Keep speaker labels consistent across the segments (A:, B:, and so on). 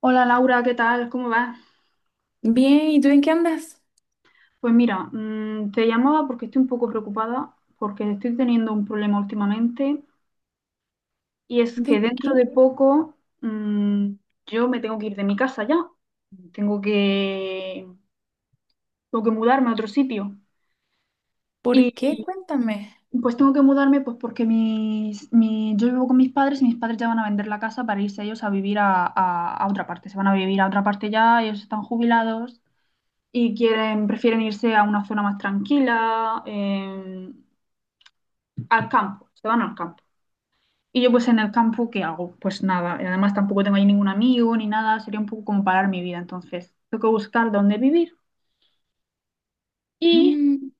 A: Hola Laura, ¿qué tal? ¿Cómo vas?
B: Bien, ¿y tú en qué andas?
A: Pues mira, te llamaba porque estoy un poco preocupada porque estoy teniendo un problema últimamente y es que
B: ¿De
A: dentro
B: qué?
A: de poco mm, yo me tengo que ir de mi casa ya, tengo que, tengo que mudarme a otro sitio y
B: ¿Por qué? Cuéntame.
A: pues tengo que mudarme pues porque yo vivo con mis padres y mis padres ya van a vender la casa para irse ellos a vivir a otra parte. Se van a vivir a otra parte ya, ellos están jubilados. Y prefieren irse a una zona más tranquila, al campo, se van al campo. Y yo pues en el campo, ¿qué hago? Pues nada, además tampoco tengo ahí ningún amigo ni nada, sería un poco como parar mi vida, entonces tengo que buscar dónde vivir. Y
B: Mm,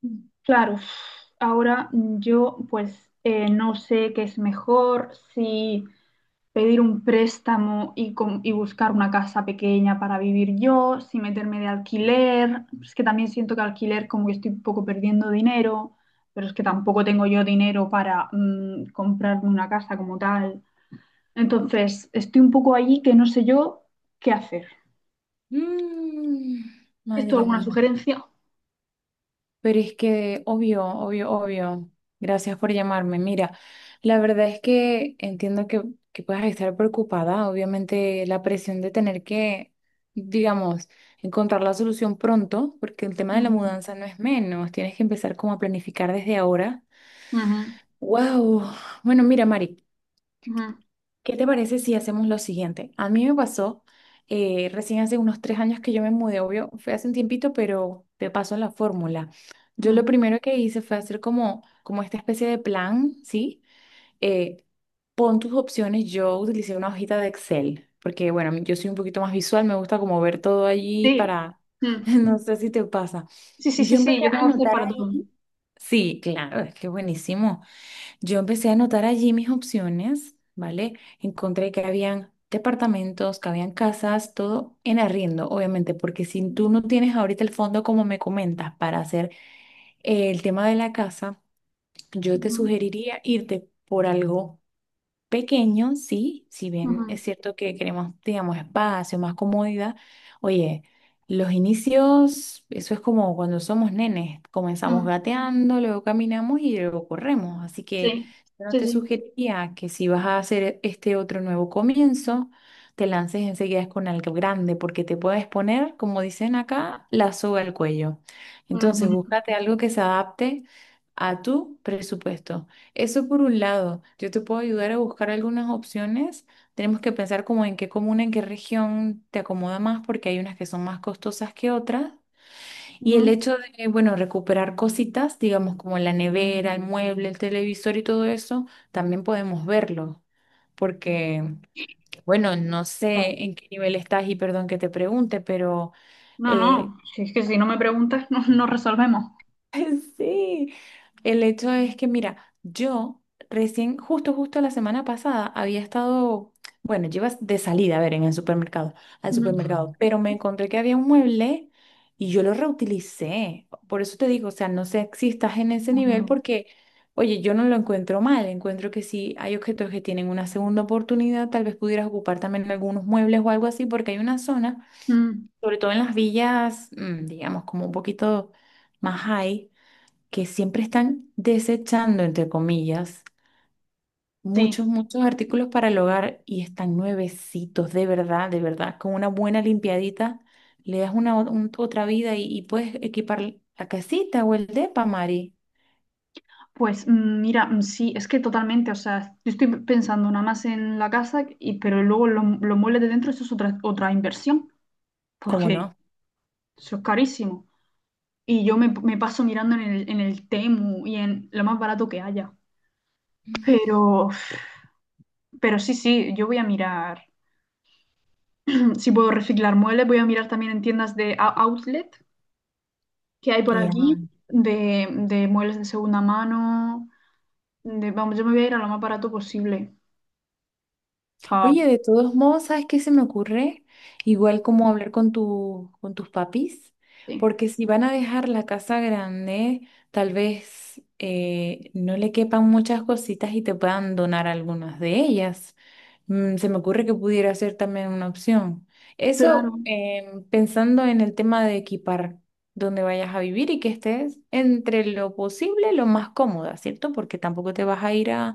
A: claro, ahora yo pues no sé qué es mejor, si pedir un préstamo y y buscar una casa pequeña para vivir yo, si meterme de alquiler. Es que también siento que alquiler como que estoy un poco perdiendo dinero, pero es que tampoco tengo yo dinero para comprarme una casa como tal. Entonces, estoy un poco allí que no sé yo qué hacer.
B: mm,
A: ¿Esto
B: madre
A: alguna
B: mía.
A: sugerencia?
B: Pero es que, obvio, obvio, obvio. Gracias por llamarme. Mira, la verdad es que entiendo que puedas estar preocupada. Obviamente, la presión de tener que, digamos, encontrar la solución pronto, porque el tema de la
A: Ujú,
B: mudanza no es menos. Tienes que empezar como a planificar desde ahora.
A: ujú,
B: Wow. Bueno, mira, Mari.
A: ujú,
B: ¿Qué te parece si hacemos lo siguiente? A mí me pasó recién hace unos 3 años que yo me mudé, obvio, fue hace un tiempito, pero te paso la fórmula. Yo
A: ujú.
B: lo primero que hice fue hacer como esta especie de plan, ¿sí? Eh, Pon tus opciones, yo utilicé una hojita de Excel, porque bueno, yo soy un poquito más visual, me gusta como ver todo allí
A: Sí.
B: para,
A: Mm.
B: no sé si te pasa.
A: Sí, sí, sí,
B: Yo
A: sí,
B: empecé
A: yo
B: a
A: tengo hacer
B: anotar
A: para todo.
B: ahí. Sí, claro, es que buenísimo. Yo empecé a anotar allí mis opciones, ¿vale? Encontré que habían departamentos, que habían casas, todo en arriendo, obviamente, porque si tú no tienes ahorita el fondo, como me comentas, para hacer el tema de la casa, yo te
A: Ujú,
B: sugeriría irte por algo pequeño, sí, si bien
A: ujú,
B: es cierto que queremos, digamos, espacio, más comodidad, oye, los inicios, eso es como cuando somos nenes, comenzamos
A: mm.
B: gateando, luego caminamos y luego corremos, así que
A: Sí,
B: yo no te
A: sí,
B: sugeriría que si vas a hacer este otro nuevo comienzo, te lances enseguida con algo grande, porque te puedes poner, como dicen acá, la soga al cuello.
A: sí.
B: Entonces, búscate algo que se adapte a tu presupuesto. Eso por un lado, yo te puedo ayudar a buscar algunas opciones. Tenemos que pensar como en qué comuna, en qué región te acomoda más, porque hay unas que son más costosas que otras. Y el
A: Ujú.
B: hecho de, bueno, recuperar cositas, digamos como la nevera, el mueble, el televisor y todo eso, también podemos verlo. Porque, bueno, no
A: Claro.
B: sé en qué nivel estás y perdón que te pregunte, pero
A: No,
B: eh,
A: no, si es que si no me preguntas, no, no resolvemos.
B: sí. El hecho es que, mira, yo recién, justo la semana pasada había estado, bueno, llevas de salida, a ver, al
A: Ujú.
B: supermercado, pero me encontré que había un mueble y yo lo reutilicé. Por eso te digo, o sea, no sé si estás en ese nivel
A: Claro.
B: porque, oye, yo no lo encuentro mal, encuentro que si hay objetos que tienen una segunda oportunidad, tal vez pudieras ocupar también algunos muebles o algo así, porque hay una zona,
A: Mm,
B: sobre todo en las villas, digamos, como un poquito más high que siempre están desechando, entre comillas,
A: sí,
B: muchos, muchos artículos para el hogar y están nuevecitos, de verdad, con una buena limpiadita, le das otra vida y puedes equipar la casita o el depa, Mari.
A: pues mira, sí, es que totalmente, o sea, yo estoy pensando nada más en la casa, pero luego los muebles de dentro, eso es otra, otra inversión,
B: ¿Cómo
A: porque
B: no?
A: eso es carísimo. Y me paso mirando en en el Temu y en lo más barato que haya. Pero, pero sí, sí, yo voy a mirar, si puedo reciclar muebles, voy a mirar también en tiendas de outlet, que hay por aquí de muebles de segunda mano. Vamos, yo me voy a ir a lo más barato posible. pa-
B: Oye, de todos modos, ¿sabes qué se me ocurre? Igual como hablar con tus papis,
A: sí,
B: porque si van a dejar la casa grande, tal vez no le quepan muchas cositas y te puedan donar algunas de ellas. Mm, se me ocurre que pudiera ser también una opción.
A: claro.
B: Eso pensando en el tema de equipar donde vayas a vivir y que estés entre lo posible, lo más cómoda, ¿cierto? Porque tampoco te vas a ir a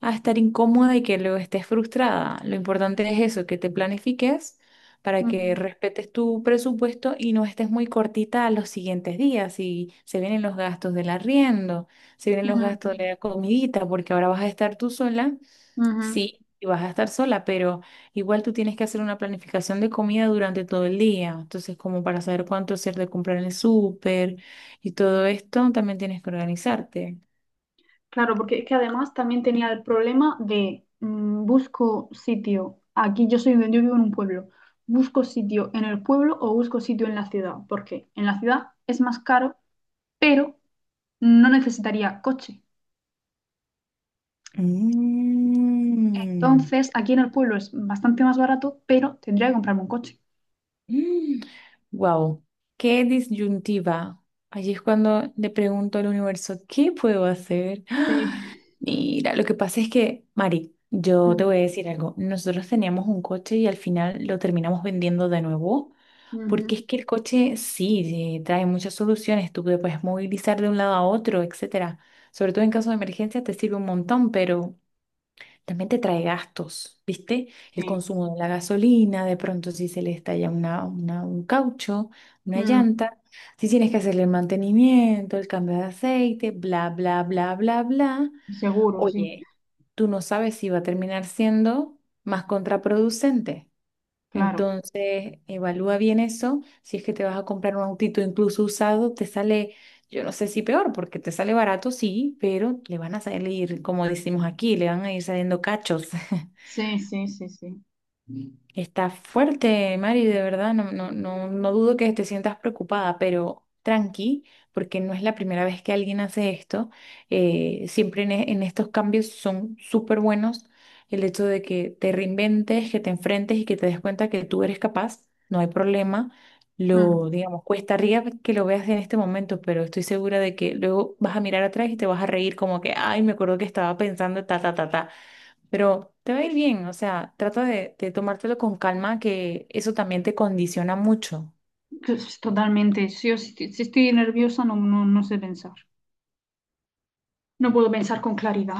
B: estar incómoda y que luego estés frustrada. Lo importante es eso, que te planifiques para que
A: Ujú,
B: respetes tu presupuesto y no estés muy cortita a los siguientes días. Y se vienen los gastos del arriendo, se vienen los
A: ujú,
B: gastos de la comidita, porque ahora vas a estar tú sola.
A: ujú.
B: Sí, y vas a estar sola, pero igual tú tienes que hacer una planificación de comida durante todo el día. Entonces, como para saber cuánto hacer de comprar en el súper y todo esto, también tienes que organizarte.
A: Claro, porque es que además también tenía el problema de busco sitio. Aquí yo soy, yo vivo en un pueblo. ¿Busco sitio en el pueblo o busco sitio en la ciudad? Porque en la ciudad es más caro, pero no necesitaría coche.
B: Mm.
A: Entonces, aquí en el pueblo es bastante más barato, pero tendría que comprarme un coche.
B: Wow, qué disyuntiva. Allí es cuando le pregunto al universo, ¿qué puedo hacer? ¡Ah!
A: Sí.
B: Mira, lo que pasa es que, Mari, yo te
A: Mm,
B: voy a decir algo. Nosotros teníamos un coche y al final lo terminamos vendiendo de nuevo,
A: ujú,
B: porque es que el coche sí trae muchas soluciones. Tú te puedes movilizar de un lado a otro, etcétera. Sobre todo en caso de emergencia te sirve un montón, pero también te trae gastos, ¿viste? El
A: sí,
B: consumo de la gasolina, de pronto si se le estalla un caucho, una
A: mm,
B: llanta, si tienes que hacerle el mantenimiento, el cambio de aceite, bla, bla, bla, bla, bla.
A: seguro, sí,
B: Oye, tú no sabes si va a terminar siendo más contraproducente.
A: claro.
B: Entonces, evalúa bien eso. Si es que te vas a comprar un autito incluso usado, te sale, yo no sé si peor, porque te sale barato, sí, pero le van a salir, como decimos aquí, le van a ir saliendo cachos.
A: Sí, sí, sí, sí.
B: Está fuerte, Mari, de verdad, no, no, no, no dudo que te sientas preocupada, pero tranqui, porque no es la primera vez que alguien hace esto. Siempre en estos cambios son súper buenos el hecho de que te reinventes, que te enfrentes y que te des cuenta que tú eres capaz, no hay problema.
A: Mm.
B: Lo, digamos, cuesta arriba que lo veas en este momento, pero estoy segura de que luego vas a mirar atrás y te vas a reír como que, ay, me acuerdo que estaba pensando ta, ta, ta, ta. Pero te va a ir bien, o sea, trata de tomártelo con calma, que eso también te condiciona mucho.
A: Pues, totalmente. Si, si estoy nerviosa, no, no, no sé pensar. No puedo pensar con claridad.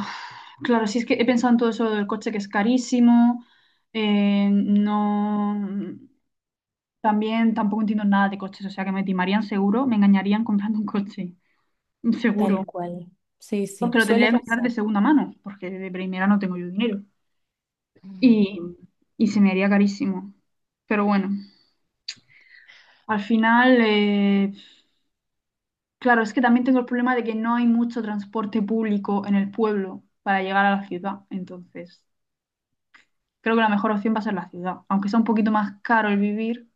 A: Claro, si es que he pensado en todo eso del coche que es carísimo. No. También tampoco entiendo nada de coches, o sea que me timarían seguro, me engañarían comprando un coche, seguro.
B: Tal cual. Sí, sí,
A: Porque lo tendría
B: suele
A: que comprar de
B: pasar.
A: segunda mano, porque de primera no tengo yo dinero.
B: Mm,
A: y, y se me haría carísimo. Pero bueno, al final, claro, es que también tengo el problema de que no hay mucho transporte público en el pueblo para llegar a la ciudad. Entonces, creo que la mejor opción va a ser la ciudad, aunque sea un poquito más caro el vivir,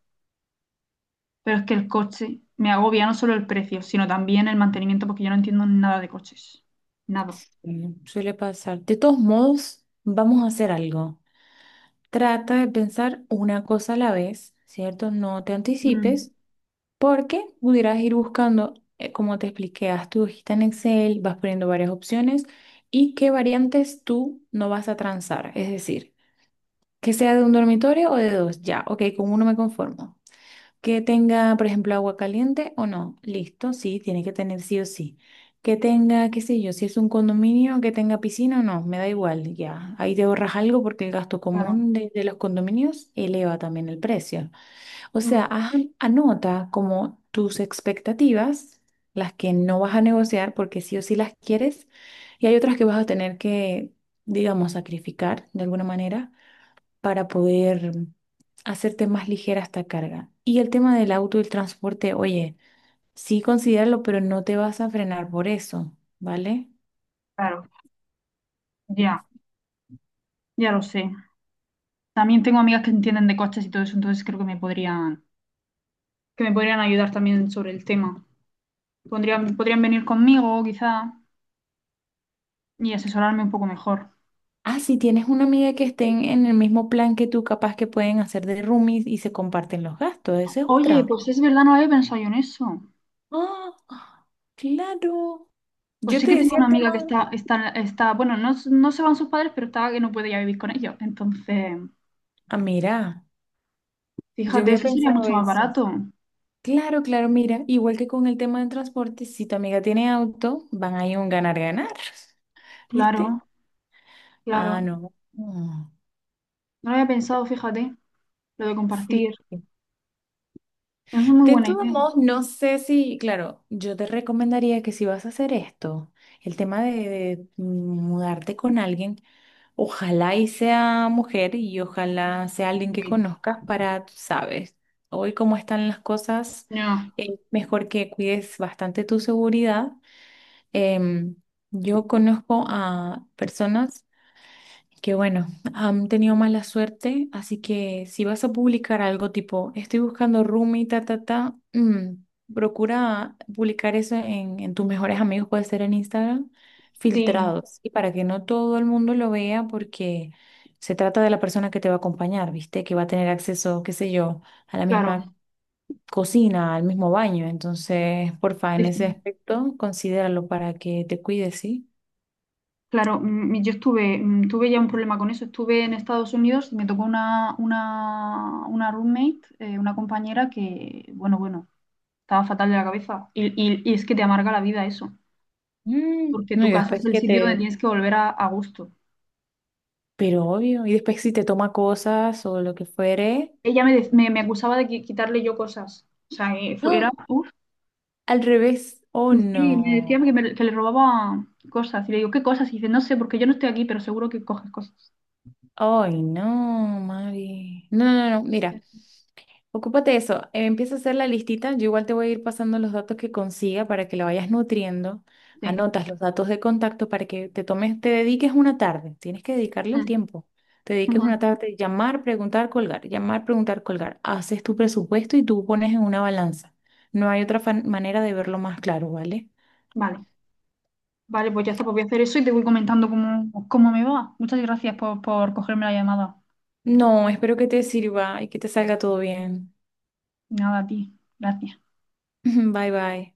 A: pero es que el coche me agobia no solo el precio, sino también el mantenimiento, porque yo no entiendo nada de coches. Nada.
B: Suele pasar. De todos modos, vamos a hacer algo. Trata de pensar una cosa a la vez, ¿cierto? No te
A: Mm,
B: anticipes, porque pudieras ir buscando, como te expliqué, haz tu hojita en Excel, vas poniendo varias opciones y qué variantes tú no vas a transar. Es decir, que sea de un dormitorio o de dos, ya, ok, con uno me conformo. Que tenga, por ejemplo, agua caliente o no, listo, sí, tiene que tener sí o sí. Que tenga, qué sé yo, si es un condominio, que tenga piscina o no, me da igual, ya. Ahí te ahorras algo porque el gasto
A: claro,
B: común de los condominios eleva también el precio. O
A: mm,
B: sea, anota como tus expectativas, las que no vas a negociar porque sí o sí las quieres, y hay otras que vas a tener que, digamos, sacrificar de alguna manera para poder hacerte más ligera esta carga. Y el tema del auto y el transporte, oye, sí considéralo, pero no te vas a frenar por eso, ¿vale?
A: claro, ya, ya lo sé. También tengo amigas que entienden de coches y todo eso, entonces creo que me podrían ayudar también sobre el tema. Podrían venir conmigo, quizá, y asesorarme un poco mejor.
B: Ah, si tienes una amiga que estén en el mismo plan que tú, capaz que pueden hacer de roomies y se comparten los gastos, esa es
A: Oye,
B: otra.
A: pues es verdad, no había pensado yo en eso.
B: Ah, claro.
A: Pues
B: Yo
A: sí
B: te
A: que tengo
B: decía
A: una
B: el
A: amiga que
B: tema.
A: está, bueno, no, no se van sus padres, pero está que no puede ya vivir con ellos. Entonces,
B: Ah, mira, yo
A: fíjate,
B: había
A: eso sería
B: pensado
A: mucho más
B: eso.
A: barato.
B: Claro, claro, mira, igual que con el tema del transporte, si tu amiga tiene auto, van a ir un ganar-ganar, ¿viste?
A: Claro,
B: Ah,
A: claro.
B: no. Mm,
A: No lo había pensado, fíjate, lo de
B: sí.
A: compartir. Es una muy
B: De
A: buena
B: todos
A: idea.
B: modos, no sé si, claro, yo te recomendaría que si vas a hacer esto, el tema de mudarte con alguien, ojalá y sea mujer y ojalá sea alguien que
A: Sí.
B: conozcas para, tú sabes, hoy cómo están las cosas,
A: No,
B: mejor que cuides bastante tu seguridad. Em, yo conozco a personas que bueno, han tenido mala suerte, así que si vas a publicar algo tipo, estoy buscando roomie, ta, ta, ta, procura publicar eso en tus mejores amigos, puede ser en Instagram,
A: sí,
B: filtrados, y para que no todo el mundo lo vea, porque se trata de la persona que te va a acompañar, ¿viste? Que va a tener acceso, qué sé yo, a la misma
A: claro.
B: cocina, al mismo baño. Entonces, porfa, en
A: Sí,
B: ese
A: sí.
B: aspecto, considéralo para que te cuides, ¿sí?
A: Claro, tuve ya un problema con eso. Estuve en Estados Unidos y me tocó una roommate, una compañera que, bueno, bueno, estaba fatal de la cabeza. Y es que te amarga la vida eso,
B: Mm,
A: porque
B: no,
A: tu
B: y
A: casa es
B: después
A: el
B: que
A: sitio donde
B: te,
A: tienes que volver a gusto.
B: pero obvio, y después si te toma cosas o lo que fuere.
A: Ella me, dec- me acusaba de quitarle yo cosas. O sea, era,
B: ¡No!
A: uf,
B: Al revés. Oh,
A: sí, sí, me decía
B: no.
A: que le robaba cosas. Y le digo, ¿qué cosas? Y dice, no sé, porque yo no estoy aquí, pero seguro que coges cosas.
B: Ay, no, Mari. No, no, no, mira, ocúpate de eso. Empieza a hacer la listita. Yo igual te voy a ir pasando los datos que consiga para que lo vayas nutriendo.
A: Sí.
B: Anotas los datos de contacto para que te tomes, te dediques una tarde. Tienes que dedicarle el
A: Mm,
B: tiempo. Te dediques
A: ujú.
B: una tarde, llamar, preguntar, colgar, llamar, preguntar, colgar. Haces tu presupuesto y tú pones en una balanza. No hay otra manera de verlo más claro, ¿vale?
A: Vale. Vale, pues ya está, pues voy a hacer eso y te voy comentando cómo me va. Muchas gracias por cogerme la llamada.
B: No, espero que te sirva y que te salga todo bien.
A: Nada, a ti. Gracias.
B: Bye bye.